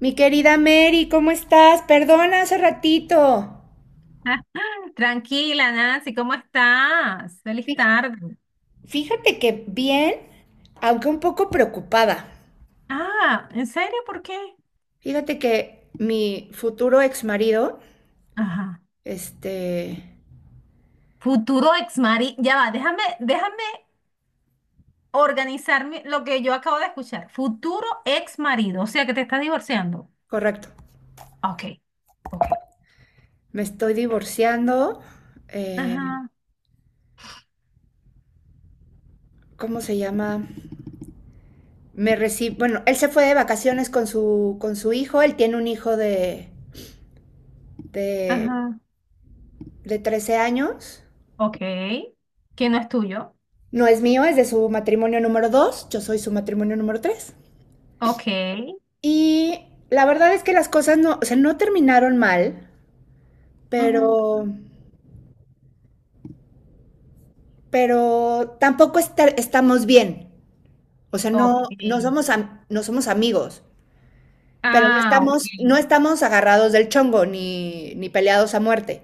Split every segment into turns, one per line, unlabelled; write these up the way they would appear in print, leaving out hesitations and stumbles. Mi querida Mary, ¿cómo estás? Perdona hace ratito.
Tranquila, Nancy, ¿cómo estás? Feliz
Fí-
tarde.
Fíjate que bien, aunque un poco preocupada.
Ah, ¿en serio? ¿Por qué?
Fíjate que mi futuro ex marido,
Ajá.
este,
Futuro ex marido. Ya va, déjame organizarme lo que yo acabo de escuchar. Futuro ex marido, o sea que te estás divorciando.
correcto,
Ok, ok.
me estoy divorciando. eh,
Ajá,
¿Cómo se llama? Me recibe, bueno, él se fue de vacaciones con con su hijo. Él tiene un hijo de,
ajá.
de 13 años.
Ok. Que no es tuyo.
No es mío, es de su matrimonio número 2. Yo soy su matrimonio número 3.
Ok.
Y la verdad es que las cosas no, o sea, no terminaron mal,
Ujú.
pero, pero tampoco estamos bien. O sea,
Ok.
no somos, no somos amigos, pero no
Ah, ok.
estamos, no estamos agarrados del chongo ni peleados a muerte.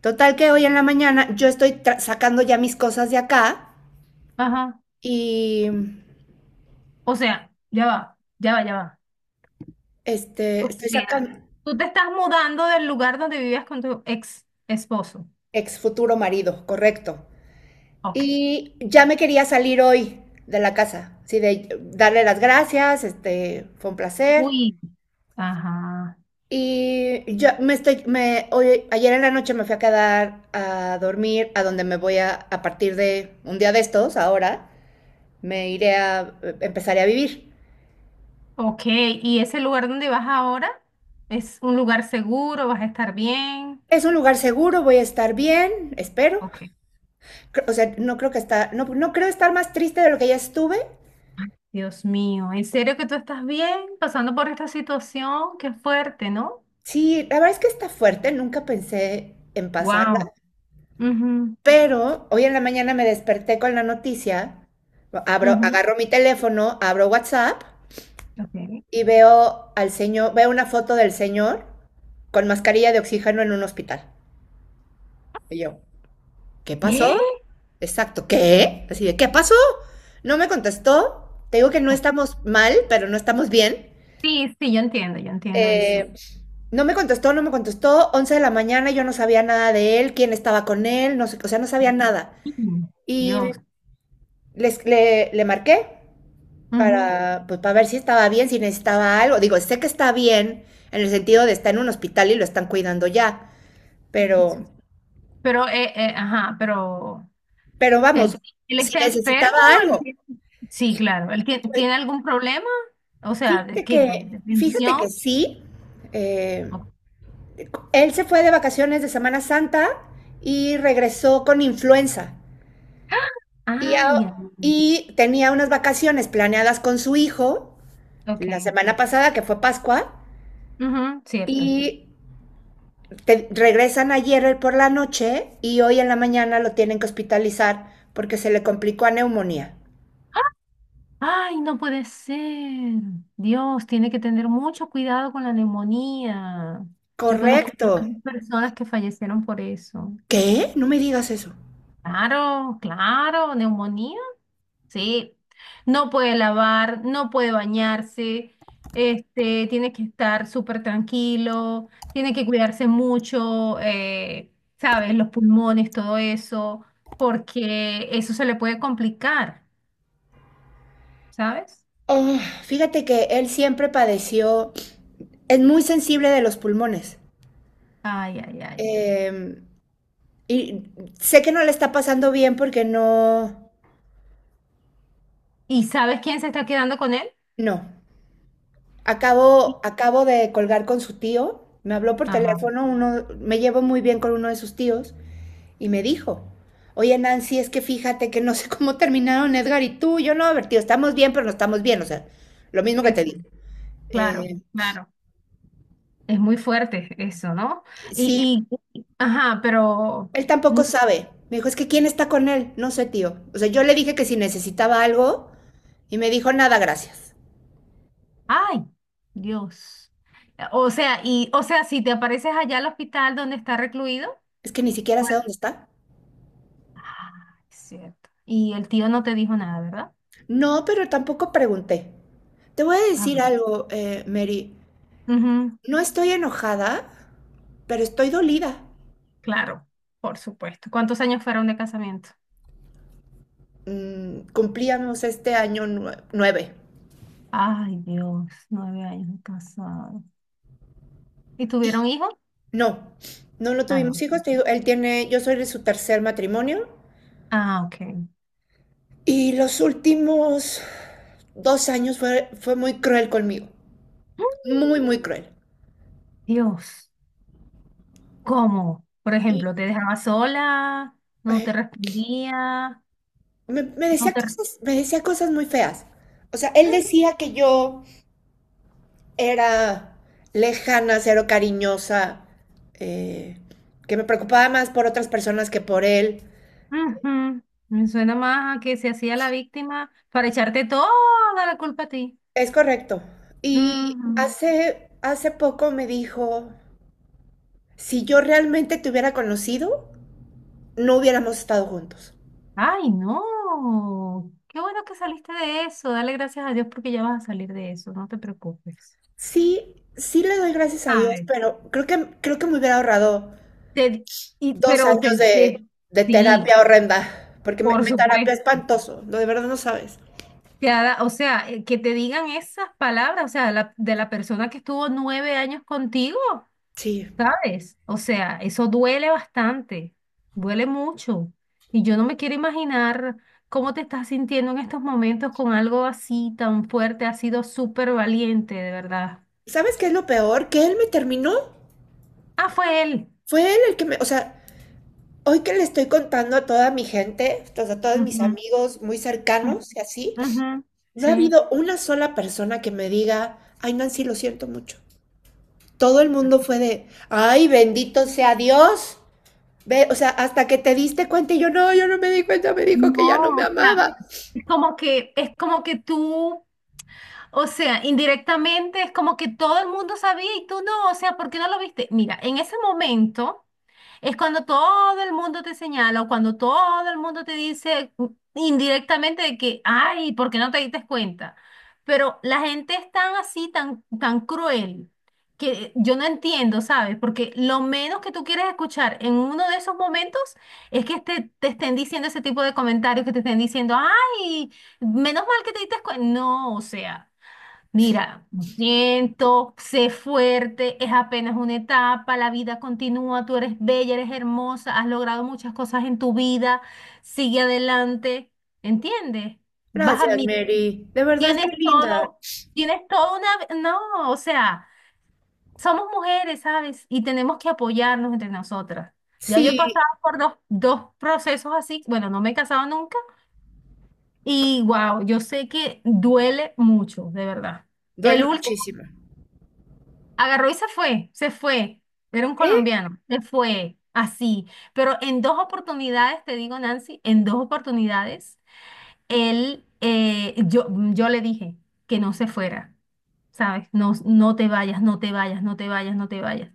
Total que hoy en la mañana yo estoy sacando ya mis cosas de acá
Ajá.
y
O sea, ya va, ya va, ya va. O
estoy
sea,
sacando
tú te estás mudando del lugar donde vivías con tu ex esposo.
ex futuro marido, correcto.
Ok.
Y ya me quería salir hoy de la casa, sí, de darle las gracias, fue un placer.
Uy. Ajá.
Y yo hoy, ayer en la noche me fui a quedar a dormir a donde me voy a partir de un día de estos, ahora, me iré a, empezaré a vivir.
Ok. ¿Y ese lugar donde vas ahora es un lugar seguro? ¿Vas a estar bien?
Es un lugar seguro, voy a estar bien, espero.
Ok.
O sea, no creo estar más triste de lo que ya estuve.
Dios mío, ¿en serio que tú estás bien pasando por esta situación? Qué fuerte, ¿no?
Sí, la verdad es que está fuerte, nunca pensé en pasarla.
Wow. Mhm.
Pero hoy en la mañana me desperté con la noticia, abro,
Mhm.
agarro mi teléfono, abro WhatsApp
Okay.
y veo al señor, veo una foto del señor con mascarilla de oxígeno en un hospital. Y yo, ¿qué pasó?
¿Qué?
Exacto, ¿qué? Así de, ¿qué pasó? No me contestó. Te digo que no
Ok.
estamos mal, pero no estamos bien.
Sí, sí, yo entiendo eso.
Eh, no me contestó, no me contestó. 11 de la mañana yo no sabía nada de él, quién estaba con él, no sé, o sea, no sabía nada.
Mm.
Y
Dios.
le marqué
Ujú.
pues, para ver si estaba bien, si necesitaba algo. Digo, sé que está bien en el sentido de está en un hospital y lo están cuidando ya, pero,
Pero, ajá, pero.
pero vamos,
¿Él, él
si
está enfermo?
necesitaba
¿Él
algo.
tiene- Sí, claro. ¿Él
Pues,
tiene algún problema? O sea, ¿de
fíjate
qué?
que,
¿De
fíjate
tensión?
que sí. eh,
Ok.
Él se fue de vacaciones de Semana Santa y regresó con influenza. Y,
Ah, ya.
a- y tenía unas vacaciones planeadas con su hijo la
Ok.
semana pasada, que fue Pascua,
Ujú, cierto.
y te regresan ayer por la noche y hoy en la mañana lo tienen que hospitalizar porque se le complicó a neumonía.
Ay, no puede ser. Dios, tiene que tener mucho cuidado con la neumonía. Yo conozco
Correcto.
varias personas que fallecieron por eso.
¿Qué? No me digas eso.
Claro, claro, neumonía. Sí, no puede lavar, no puede bañarse, este, tiene que estar súper tranquilo, tiene que cuidarse mucho, ¿sabes? Los pulmones, todo eso, porque eso se le puede complicar, ¿sabes?
Oh, fíjate que él siempre padeció, es muy sensible de los pulmones.
Ay, ay, ay.
Eh, y sé que no le está pasando bien porque no,
¿Y sabes quién se está quedando con él?
no. Acabo,
Sí.
acabo de colgar con su tío. Me habló por
Ajá,
teléfono, uno, me llevo muy bien con uno de sus tíos. Y me dijo, oye Nancy, es que fíjate que no sé cómo terminaron Edgar y tú, yo no, a ver, tío, estamos bien, pero no estamos bien, o sea, lo mismo que te digo.
exacto, claro,
Eh,
claro. Es muy fuerte eso, ¿no?
sí,
Y, ajá, pero.
él tampoco sabe. Me dijo, es que ¿quién está con él? No sé, tío. O sea, yo le dije que si necesitaba algo y me dijo, nada, gracias.
Ay, Dios. O sea, y, o sea, si te apareces allá al hospital donde está recluido,
Es que ni siquiera
pues,
sé dónde está.
ah, es cierto. Y el tío no te dijo nada, ¿verdad?
No, pero tampoco pregunté. Te voy a
Ah,
decir algo, Mary.
ujú,
No estoy enojada, pero estoy dolida.
claro, por supuesto. ¿Cuántos años fueron de casamiento?
Mm, cumplíamos este año 9.
Ay, Dios, 9 años de casado. ¿Y tuvieron hijos?
No, no lo
Ah,
tuvimos
no.
hijos. Te digo, él tiene, yo soy de su tercer matrimonio
Ah, ok.
y los últimos 2 años fue muy cruel conmigo, muy, muy cruel.
Dios, ¿cómo? Por
Y
ejemplo, te dejaba sola, no
eh,
te respondía,
me
no
decía
te.
cosas, me decía cosas muy feas. O sea, él decía que yo era lejana, cero cariñosa, eh, que me preocupaba más por otras personas que por él.
Ujú. Me suena más a que se hacía la víctima para echarte toda la culpa a ti.
Es correcto. Y
Ujú.
hace poco me dijo... Si yo realmente te hubiera conocido, no hubiéramos estado juntos.
Ay, no. Qué bueno que saliste de eso. Dale gracias a Dios porque ya vas a salir de eso. No te preocupes.
Sí, sí le doy gracias a
A
Dios,
ver,
pero creo que me hubiera ahorrado
te- y,
dos
pero
años de, de
sí,
terapia horrenda, porque
por
me terapia
supuesto.
espantoso, lo de verdad no sabes.
Te ha o sea, que te digan esas palabras, o sea, de la persona que estuvo 9 años contigo.
Sí.
¿Sabes? O sea, eso duele bastante, duele mucho. Y yo no me quiero imaginar cómo te estás sintiendo en estos momentos con algo así tan fuerte. Has sido súper valiente, de verdad.
¿Sabes qué es lo peor? Que él me terminó.
Ah, fue él.
Fue él el que me, o sea, hoy que le estoy contando a toda mi gente, o sea, a todos mis
Ujú,
amigos muy
ujú.
cercanos y así, no ha
Sí.
habido una sola persona que me diga, ay Nancy, lo siento mucho. Todo el mundo fue de, ay, bendito sea Dios. Ve, o sea, hasta que te diste cuenta y yo no, yo no me di cuenta, me dijo
No,
que ya no me
o sea,
amaba.
es como que tú, o sea, indirectamente es como que todo el mundo sabía y tú no, o sea, ¿por qué no lo viste? Mira, en ese momento. Es cuando todo el mundo te señala o cuando todo el mundo te dice indirectamente de que, ay, ¿por qué no te diste cuenta? Pero la gente es tan así, tan, tan cruel, que yo no entiendo, ¿sabes? Porque lo menos que tú quieres escuchar en uno de esos momentos es que te estén diciendo ese tipo de comentarios, que te estén diciendo, ay, menos mal que te diste cuenta. No, o sea. Mira, lo siento, sé fuerte, es apenas una etapa, la vida continúa, tú eres bella, eres hermosa, has logrado muchas cosas en tu vida, sigue adelante, ¿entiendes? Vas a
Gracias,
mí,
Mary. De verdad qué
tienes
linda.
todo, tienes toda una. No, o sea, somos mujeres, ¿sabes? Y tenemos que apoyarnos entre nosotras. Ya yo he
Sí,
pasado por dos procesos así, bueno, no me he casado nunca y wow, yo sé que duele mucho, de verdad.
duele
El último
muchísimo.
agarró y se fue, se fue. Era un
¿Eh?
colombiano, se fue así. Pero en dos oportunidades, te digo, Nancy, en dos oportunidades, él, eh, yo, yo le dije que no se fuera, ¿sabes? No, no te vayas, no te vayas, no te vayas, no te vayas.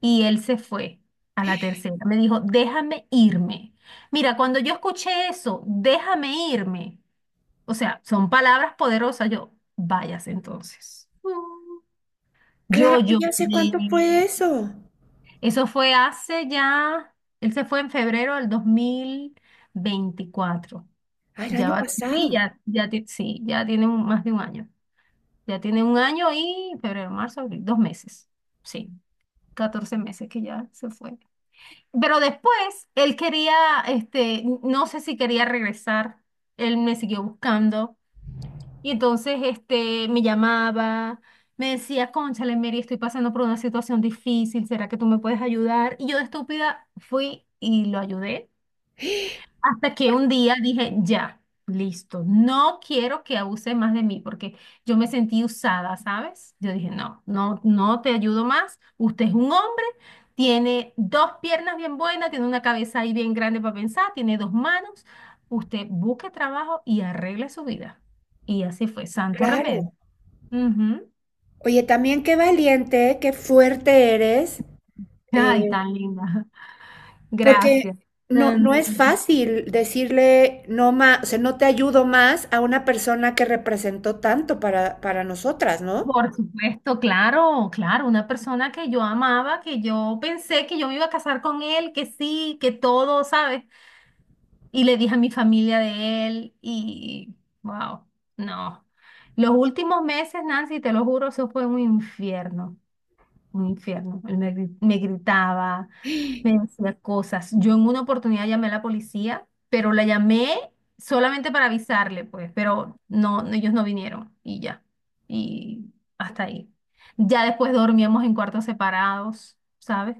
Y él se fue a la tercera. Me dijo, déjame irme. Mira, cuando yo escuché eso, déjame irme. O sea, son palabras poderosas. Yo, vayas entonces. Mm. Yo
Claro,
lloré,
ya sé cuánto fue eso.
eso fue hace ya, él se fue en febrero del 2024.
Ay, el
Ya
año
va, sí,
pasado.
ya, ya, sí, ya tiene más de un año. Ya tiene un año y febrero, marzo, abril, 2 meses. Sí, 14 meses que ya se fue. Pero después él quería, este, no sé si quería regresar. Él me siguió buscando y entonces este, me llamaba, me decía, cónchale, Mary, estoy pasando por una situación difícil, ¿será que tú me puedes ayudar? Y yo de estúpida fui y lo ayudé. Hasta que un día dije, ya, listo, no quiero que abuse más de mí porque yo me sentí usada, ¿sabes? Yo dije, no, no, no te ayudo más. Usted es un hombre, tiene dos piernas bien buenas, tiene una cabeza ahí bien grande para pensar, tiene dos manos. Usted busque trabajo y arregle su vida. Y así fue, santo remedio.
Claro.
Ujú.
Oye, también qué valiente, qué fuerte eres.
Ay,
Eh,
tan linda.
Porque
Gracias.
no, no
Tan-
es fácil decirle no más, o sea, no te ayudo más a una persona que representó tanto para nosotras, ¿no?
Por supuesto, claro, claro, una persona que yo amaba, que yo pensé que yo me iba a casar con él, que sí, que todo, ¿sabes? Y le dije a mi familia de él y, wow, no. Los últimos meses, Nancy, te lo juro, eso fue un infierno, un infierno. Él me gritaba, me decía cosas. Yo en una oportunidad llamé a la policía, pero la llamé solamente para avisarle, pues, pero no, no, ellos no vinieron y ya. Y hasta ahí. Ya después dormíamos en cuartos separados, ¿sabes?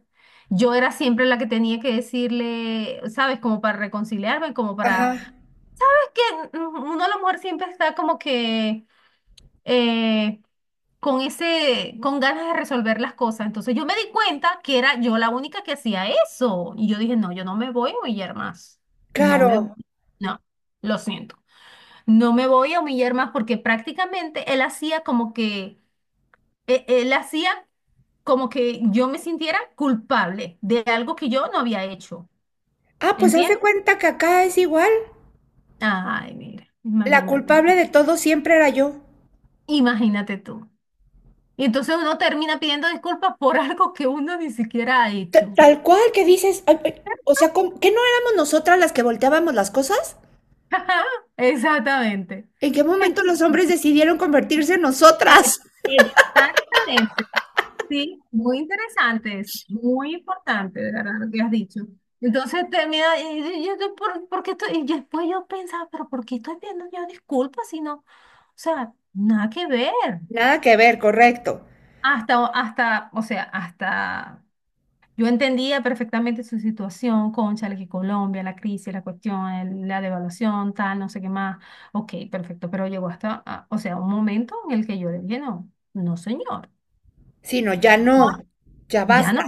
Yo era siempre la que tenía que decirle, ¿sabes? Como para reconciliarme, como para.
Ajá,
Es que uno, la mujer siempre está como que eh, con ganas de resolver las cosas. Entonces yo me di cuenta que era yo la única que hacía eso. Y yo dije, no, yo no me voy a humillar más. No me,
claro.
no, lo siento. No me voy a humillar más porque prácticamente él hacía como que, él hacía como que yo me sintiera culpable de algo que yo no había hecho.
Ah, pues haz de
¿Entiendes?
cuenta que acá es igual.
Ay, mira,
La
imagínate.
culpable de todo siempre era yo.
Imagínate tú. Y entonces uno termina pidiendo disculpas por algo que uno ni siquiera ha hecho.
Tal cual que dices, ay, ay, o sea, ¿qué no éramos nosotras las que volteábamos las cosas?
Exactamente.
¿En qué
Ex-
momento los hombres decidieron convertirse en
Ex-
nosotras?
Exactamente. Sí, muy interesante, es muy importante, de verdad, lo que has dicho. Entonces termina, y yo, ¿por qué estoy? Y después yo pensaba, pero ¿por qué estoy viendo yo disculpas si no? O sea, nada que ver.
Nada que ver, correcto.
Hasta, o sea, hasta. Yo entendía perfectamente su situación, cónchale, que Colombia, la crisis, la cuestión, la devaluación, tal, no sé qué más. Ok, perfecto, pero llegó hasta, o sea, un momento en el que yo le dije, no, no señor,
Sí, no, ya no, ya
ya no,
basta.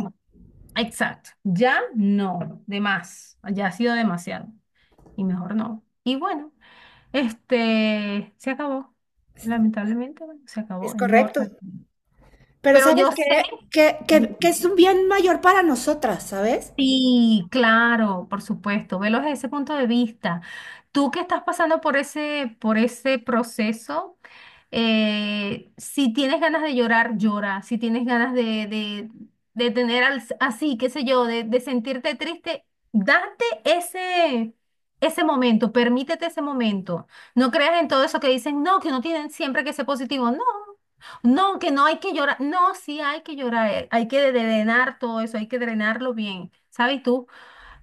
exacto, ya no, de más, ya ha sido demasiado y mejor no. Y bueno, este, se acabó, lamentablemente, bueno, se
Es
acabó, es mejor.
correcto. Pero
Pero
¿sabes
yo sé.
qué? Que es un bien mayor para nosotras, ¿sabes?
Sí, claro, por supuesto, velo desde ese punto de vista. Tú que estás pasando por ese proceso, si tienes ganas de llorar, llora. Si tienes ganas de, de tener así, qué sé yo, de sentirte triste, date ese momento, permítete ese momento. No creas en todo eso que dicen, no, que uno tiene siempre que ser positivo. No. No, que no hay que llorar. No, sí hay que llorar. Hay que drenar todo eso, hay que drenarlo bien. ¿Sabes? Y tú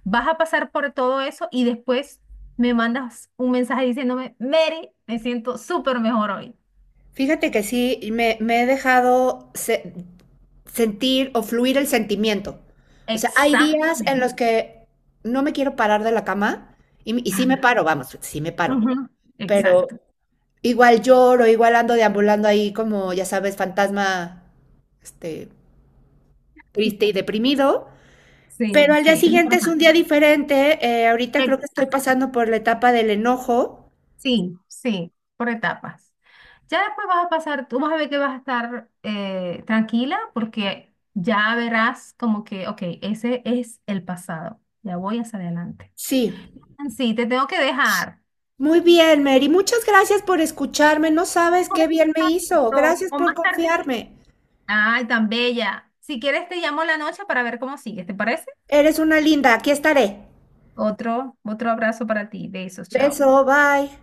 vas a pasar por todo eso y después me mandas un mensaje diciéndome, Mary, me siento súper mejor hoy.
Fíjate que sí, me he dejado sentir o fluir el sentimiento. O sea, hay días en
Exactamente.
los que no me quiero parar de la cama y sí me
Ay,
paro, vamos, sí me paro.
ujú.
Pero
Exacto.
igual lloro, igual ando deambulando ahí como, ya sabes, fantasma, este, triste y deprimido. Pero
Sí,
al día
sí.
siguiente es un
Normal.
día diferente. Ahorita creo que estoy
Exacto.
pasando por la etapa del enojo.
Sí, sí, por etapas. Ya después vas a pasar, tú vas a ver que vas a estar tranquila porque ya verás como que, ok, ese es el pasado, ya voy hacia adelante.
Sí.
Sí, te tengo que dejar.
Muy bien, Mary. Muchas gracias por escucharme. No sabes
Pues,
qué
un
bien me hizo.
ratito,
Gracias
o
por
más tarde.
confiarme.
Ay, tan bella. Si quieres, te llamo la noche para ver cómo sigues, ¿te parece?
Eres una linda. Aquí estaré.
Otro abrazo para ti. Besos, chao.
Beso, bye.